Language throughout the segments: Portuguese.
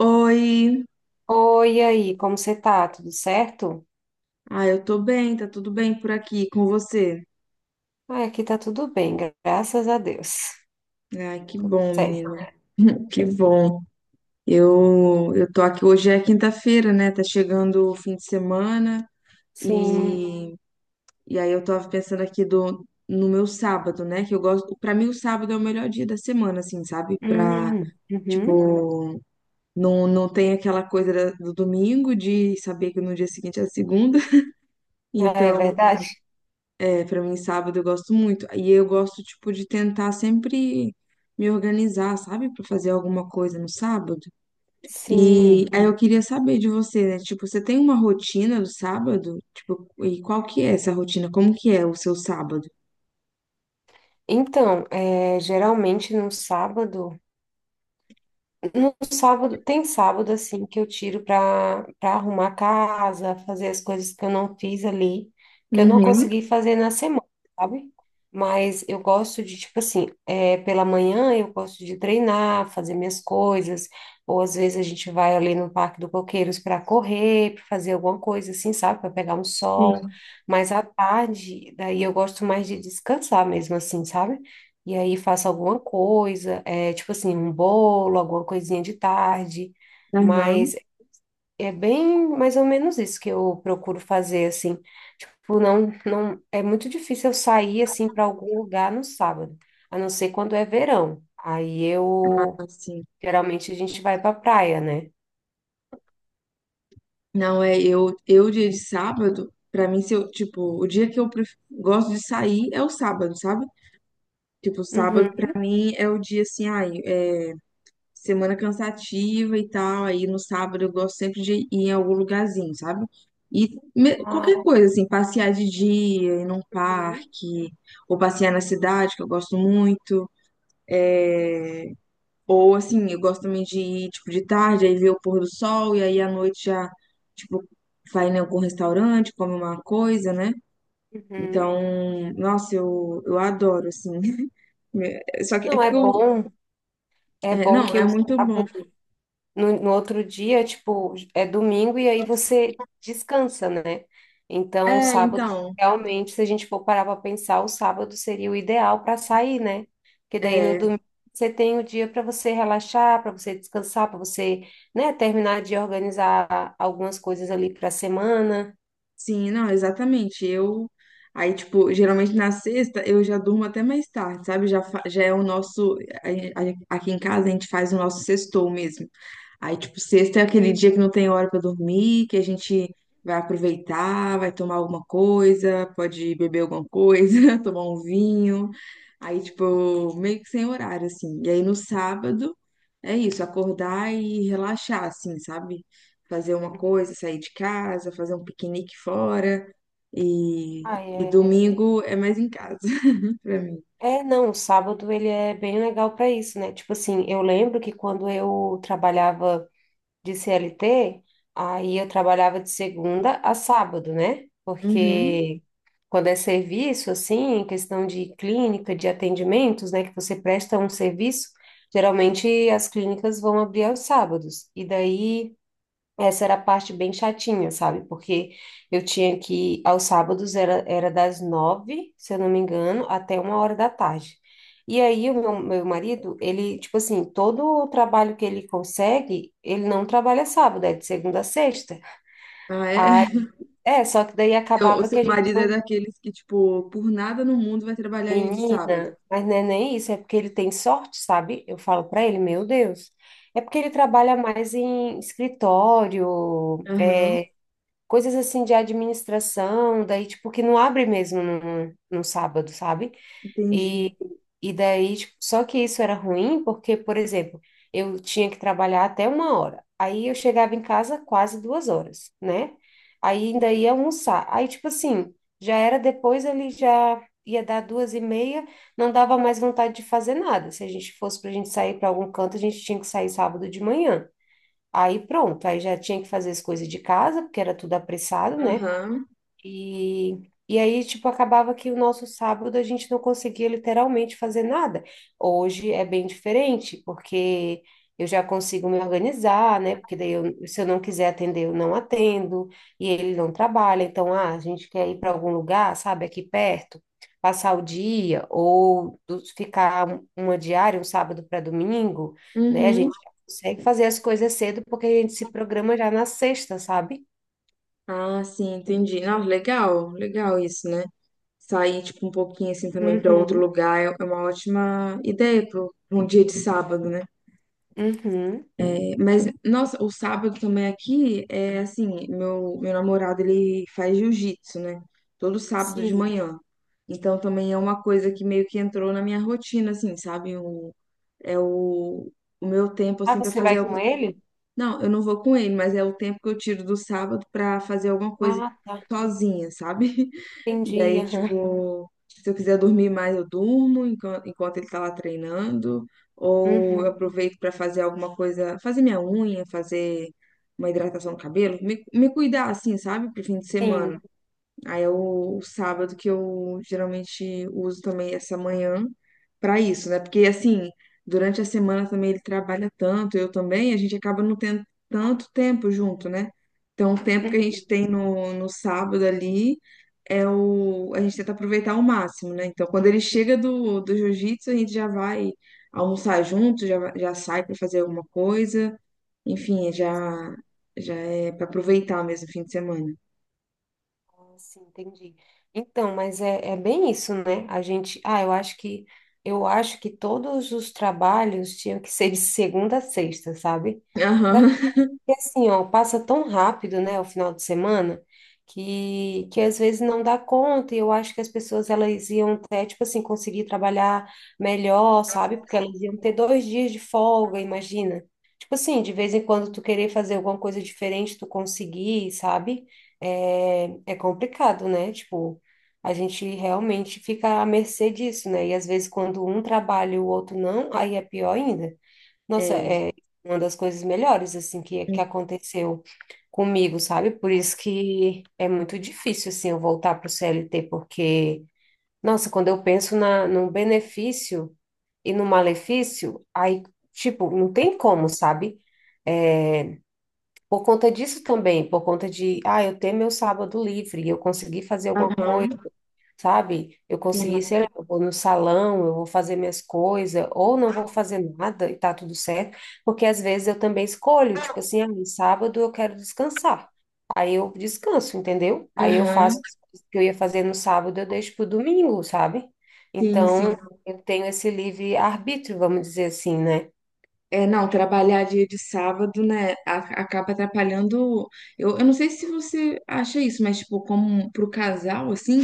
Oi, Oi, e aí, como você tá? Tudo certo? ah, eu tô bem, tá tudo bem por aqui com você? Ai, aqui tá tudo bem, graças a Deus. Ai, que Tudo bom, certo. menina, que bom. Eu tô aqui, hoje é quinta-feira, né? Tá chegando o fim de semana Sim. e, e aí eu tava pensando aqui no meu sábado, né? Que eu gosto, pra mim o sábado é o melhor dia da semana, assim, sabe? Hum, uhum. Tipo, não tem aquela coisa do domingo de saber que no dia seguinte é a segunda, É então. verdade? É, para mim, sábado eu gosto muito. E eu gosto, tipo, de tentar sempre me organizar, sabe? Para fazer alguma coisa no sábado. E Sim. aí eu queria saber de você, né? Tipo, você tem uma rotina do sábado? Tipo, e qual que é essa rotina? Como que é o seu sábado? Então, é, geralmente no sábado. No sábado, tem sábado assim que eu tiro para arrumar a casa, fazer as coisas que eu não fiz ali, que eu não Uhum, consegui fazer na semana, sabe? Mas eu gosto de, tipo assim, é, pela manhã eu gosto de treinar, fazer minhas coisas, ou às vezes a gente vai ali no Parque do Coqueiros para correr, para fazer alguma coisa assim, sabe? Para pegar um sol. sim. Mas à tarde, daí eu gosto mais de descansar mesmo assim, sabe? E aí faço alguma coisa. É tipo assim, um bolo, alguma coisinha de tarde, Aham. mas é bem mais ou menos isso que eu procuro fazer, assim. Tipo, não, não, é muito difícil eu sair, assim, para algum lugar no sábado, a não ser quando é verão. Aí eu, Ah, sim. geralmente a gente vai pra praia, né? Não, é eu, eu, dia de sábado, pra mim, se eu, tipo, o dia que eu gosto de sair é o sábado, sabe? Tipo, sábado pra Uhum. mim é o dia assim, ai, semana cansativa e tal. Aí no sábado eu gosto sempre de ir em algum lugarzinho, sabe? E Ah, qualquer coisa, assim, passear de dia, ir num uhum, parque, ou passear na cidade, que eu gosto muito. Ou assim, eu gosto também de ir, tipo, de tarde, aí ver o pôr do sol, e aí à noite já, tipo, vai em algum restaurante, come uma coisa, né? uhum. Então, nossa, eu, eu, adoro, assim. Só que é Não, porque eu. É É, bom não, que é o muito bom. sábado no outro dia, tipo, é domingo e aí você descansa, né? Então, É, sábado, então. realmente, se a gente for parar para pensar, o sábado seria o ideal para sair, né? Porque daí no É, domingo você tem o dia para você relaxar, para você descansar, para você, né, terminar de organizar algumas coisas ali para a semana. sim, não, exatamente. Eu aí, tipo, geralmente na sexta eu já durmo até mais tarde, sabe? Já, já é o nosso. a- Aqui em casa a gente faz o nosso sextou mesmo. Aí, tipo, sexta é aquele Hum. dia que não tem hora pra dormir, que a gente vai aproveitar, vai tomar alguma coisa, pode beber alguma coisa, tomar um vinho. Aí, tipo, meio que sem horário, assim. E aí no sábado é isso, acordar e relaxar, assim, sabe? Fazer uma coisa, sair de casa, fazer um piquenique fora. E, Ah, e é... domingo é mais em casa, pra mim. é, não, o sábado ele é bem legal para isso, né? Tipo assim, eu lembro que quando eu trabalhava de CLT, aí eu trabalhava de segunda a sábado, né? Uhum. Porque quando é serviço, assim, questão de clínica, de atendimentos, né, que você presta um serviço, geralmente as clínicas vão abrir aos sábados. E daí. Essa era a parte bem chatinha, sabe? Porque eu tinha que, aos sábados, era das 9, se eu não me engano, até 1 hora da tarde. E aí, o meu marido, ele, tipo assim, todo o trabalho que ele consegue, ele não trabalha sábado, é de segunda a sexta. Ah, Aí, é? é, só que daí Seu, o acabava que seu a gente marido é não. daqueles que, tipo, por nada no mundo vai trabalhar dia de sábado. Menina, mas não é nem isso, é porque ele tem sorte, sabe? Eu falo pra ele, meu Deus. É porque ele trabalha mais em escritório, Aham, é, coisas assim de administração, daí, tipo, que não abre mesmo no sábado, sabe? entendi. E, e daí, tipo, só que isso era ruim porque, por exemplo, eu tinha que trabalhar até 1 hora. Aí eu chegava em casa quase 2 horas, né? Aí ainda ia almoçar. Aí, tipo assim, já era depois, ele já ia dar 2 e meia, não dava mais vontade de fazer nada. Se a gente fosse pra gente sair para algum canto, a gente tinha que sair sábado de manhã. Aí pronto, aí já tinha que fazer as coisas de casa, porque era tudo apressado, né? Aham, E, e aí, tipo, acabava que o nosso sábado a gente não conseguia literalmente fazer nada. Hoje é bem diferente, porque eu já consigo me organizar, né? Porque daí, eu, se eu não quiser atender, eu não atendo, e ele não trabalha. Então, ah, a gente quer ir para algum lugar, sabe, aqui perto, passar o dia, ou ficar uma diária, um sábado para domingo, né? A uhum. gente já consegue fazer as coisas cedo, porque a gente se programa já na sexta, sabe? Ah, sim, entendi. Não, legal, legal isso, né? Sair, tipo, um pouquinho assim também pra outro Uhum, lugar é uma ótima ideia pro pra um dia de sábado, né? uhum. É, mas, nossa, o sábado também aqui é assim, meu namorado, ele faz jiu-jitsu, né? Todo sábado de Sim. manhã. Então também é uma coisa que meio que entrou na minha rotina, assim, sabe? É o, o, meu tempo, Ah, assim, para você fazer vai algo. com ele? Não, eu não vou com ele, mas é o tempo que eu tiro do sábado para fazer alguma coisa Ah, tá. sozinha, sabe? E Entendi. aí, Aham. tipo, se eu quiser dormir mais, eu durmo enquanto, enquanto, ele tá lá treinando, ou eu Uhum. aproveito para fazer alguma coisa, fazer minha unha, fazer uma hidratação no cabelo, me, me, cuidar, assim, sabe, pro fim de semana. Sim. Aí é o sábado que eu geralmente uso também essa manhã para isso, né? Porque assim, durante a semana também ele trabalha tanto, eu também, a gente acaba não tendo tanto tempo junto, né? Então, o tempo que a Uhum. gente tem no sábado ali é o, a gente tenta aproveitar ao máximo, né? Então, quando ele chega do jiu-jitsu, a gente já vai almoçar junto, já, já sai para fazer alguma coisa, enfim, já é para aproveitar mesmo o fim de semana. Ah, sim, entendi. Então, mas é, é bem isso, né? A gente, ah, eu acho que todos os trabalhos tinham que ser de segunda a sexta, sabe? Pra Aham. porque assim, ó, passa tão rápido, né, o final de semana, que, às vezes não dá conta, e eu acho que as pessoas elas iam até, tipo assim, conseguir trabalhar melhor, sabe? Porque elas iam ter 2 dias de folga, imagina. Tipo assim, de vez em quando tu querer fazer alguma coisa diferente, tu conseguir, sabe? É, é complicado, né? Tipo, a gente realmente fica à mercê disso, né? E às vezes quando um trabalha e o outro não, aí é pior ainda. Nossa, é uma das coisas melhores, assim, que, É. Aconteceu comigo, sabe? Por isso que é muito difícil, assim, eu voltar para o CLT, porque, nossa, quando eu penso na, no benefício e no malefício, aí, tipo, não tem como, sabe? Por conta disso também, por conta de, ah, eu ter meu sábado livre, eu consegui fazer alguma Aham, coisa, sabe? Eu consegui, sim, sei lá, eu vou no salão, eu vou fazer minhas coisas, ou não vou fazer nada e tá tudo certo, porque às vezes eu também escolho, tipo assim, ah, no sábado eu quero descansar. Aí eu descanso, entendeu? Aí eu faço aham, o que eu ia fazer no sábado, eu deixo pro domingo, sabe? sim, sim. Então, eu tenho esse livre arbítrio, vamos dizer assim, né? É, não, trabalhar dia de sábado, né, acaba atrapalhando. Eu, eu, não sei se você acha isso, mas, tipo, como pro casal, assim.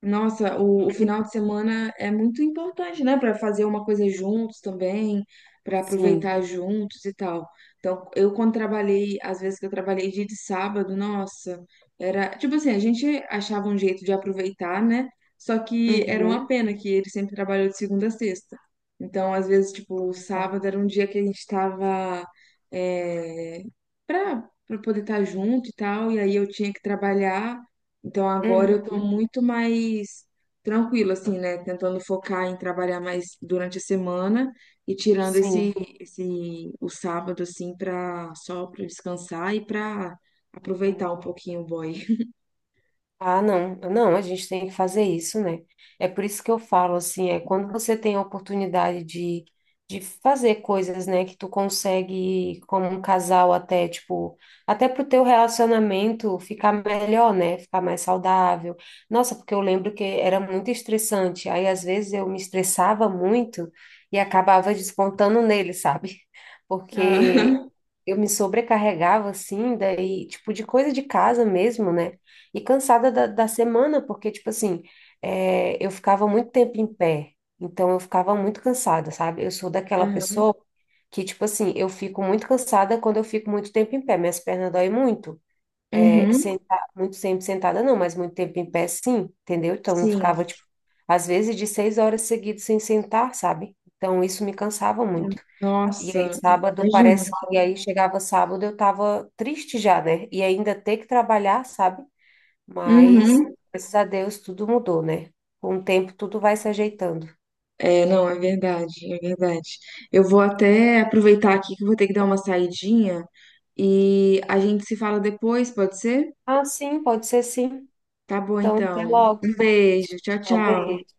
Nossa, o Uhum. final de semana é muito importante, né? Para fazer uma coisa juntos também, para Sim. aproveitar juntos e tal. Então, eu quando trabalhei, às vezes que eu trabalhei dia de sábado, nossa, era tipo assim, a gente achava um jeito de aproveitar, né? Só que era uma Uhum. pena que ele sempre trabalhou de segunda a sexta. Então, às vezes, tipo, o Tá. sábado era um dia que a gente tava é, para poder estar junto e tal, e aí eu tinha que trabalhar. Então agora eu tô Uhum. muito mais tranquila, assim, né? Tentando focar em trabalhar mais durante a semana e tirando Sim. esse, o sábado, assim, pra, só pra descansar e pra Uhum. aproveitar um pouquinho o boy. Ah, não, não, a gente tem que fazer isso, né? É por isso que eu falo assim, é quando você tem a oportunidade de fazer coisas, né, que tu consegue como um casal até, tipo, até pro teu relacionamento ficar melhor, né? Ficar mais saudável. Nossa, porque eu lembro que era muito estressante, aí às vezes eu me estressava muito e acabava descontando nele, sabe? Porque Aham, eu me sobrecarregava assim, daí, tipo, de coisa de casa mesmo, né? E cansada da semana, porque, tipo assim, é, eu ficava muito tempo em pé, então eu ficava muito cansada, sabe? Eu sou daquela aham. pessoa que, tipo assim, eu fico muito cansada quando eu fico muito tempo em pé, minhas pernas doem muito. É, Uhum, sentar, muito tempo sentada, não, mas muito tempo em pé, sim, entendeu? Então eu sim. ficava, tipo, às vezes de 6 horas seguidas sem sentar, sabe? Então isso me cansava muito. E aí, Nossa, sábado, imagina. parece que. E aí, chegava sábado, eu tava triste já, né? E ainda ter que trabalhar, sabe? Mas, Uhum. graças a Deus, tudo mudou, né? Com o tempo, tudo vai se ajeitando. É, não, é verdade, é verdade. Eu vou até aproveitar aqui que eu vou ter que dar uma saidinha e a gente se fala depois, pode ser? Ah, sim, pode ser sim. Tá bom, Então, até então. logo. Um beijo. Tchau, tchau. Talvez.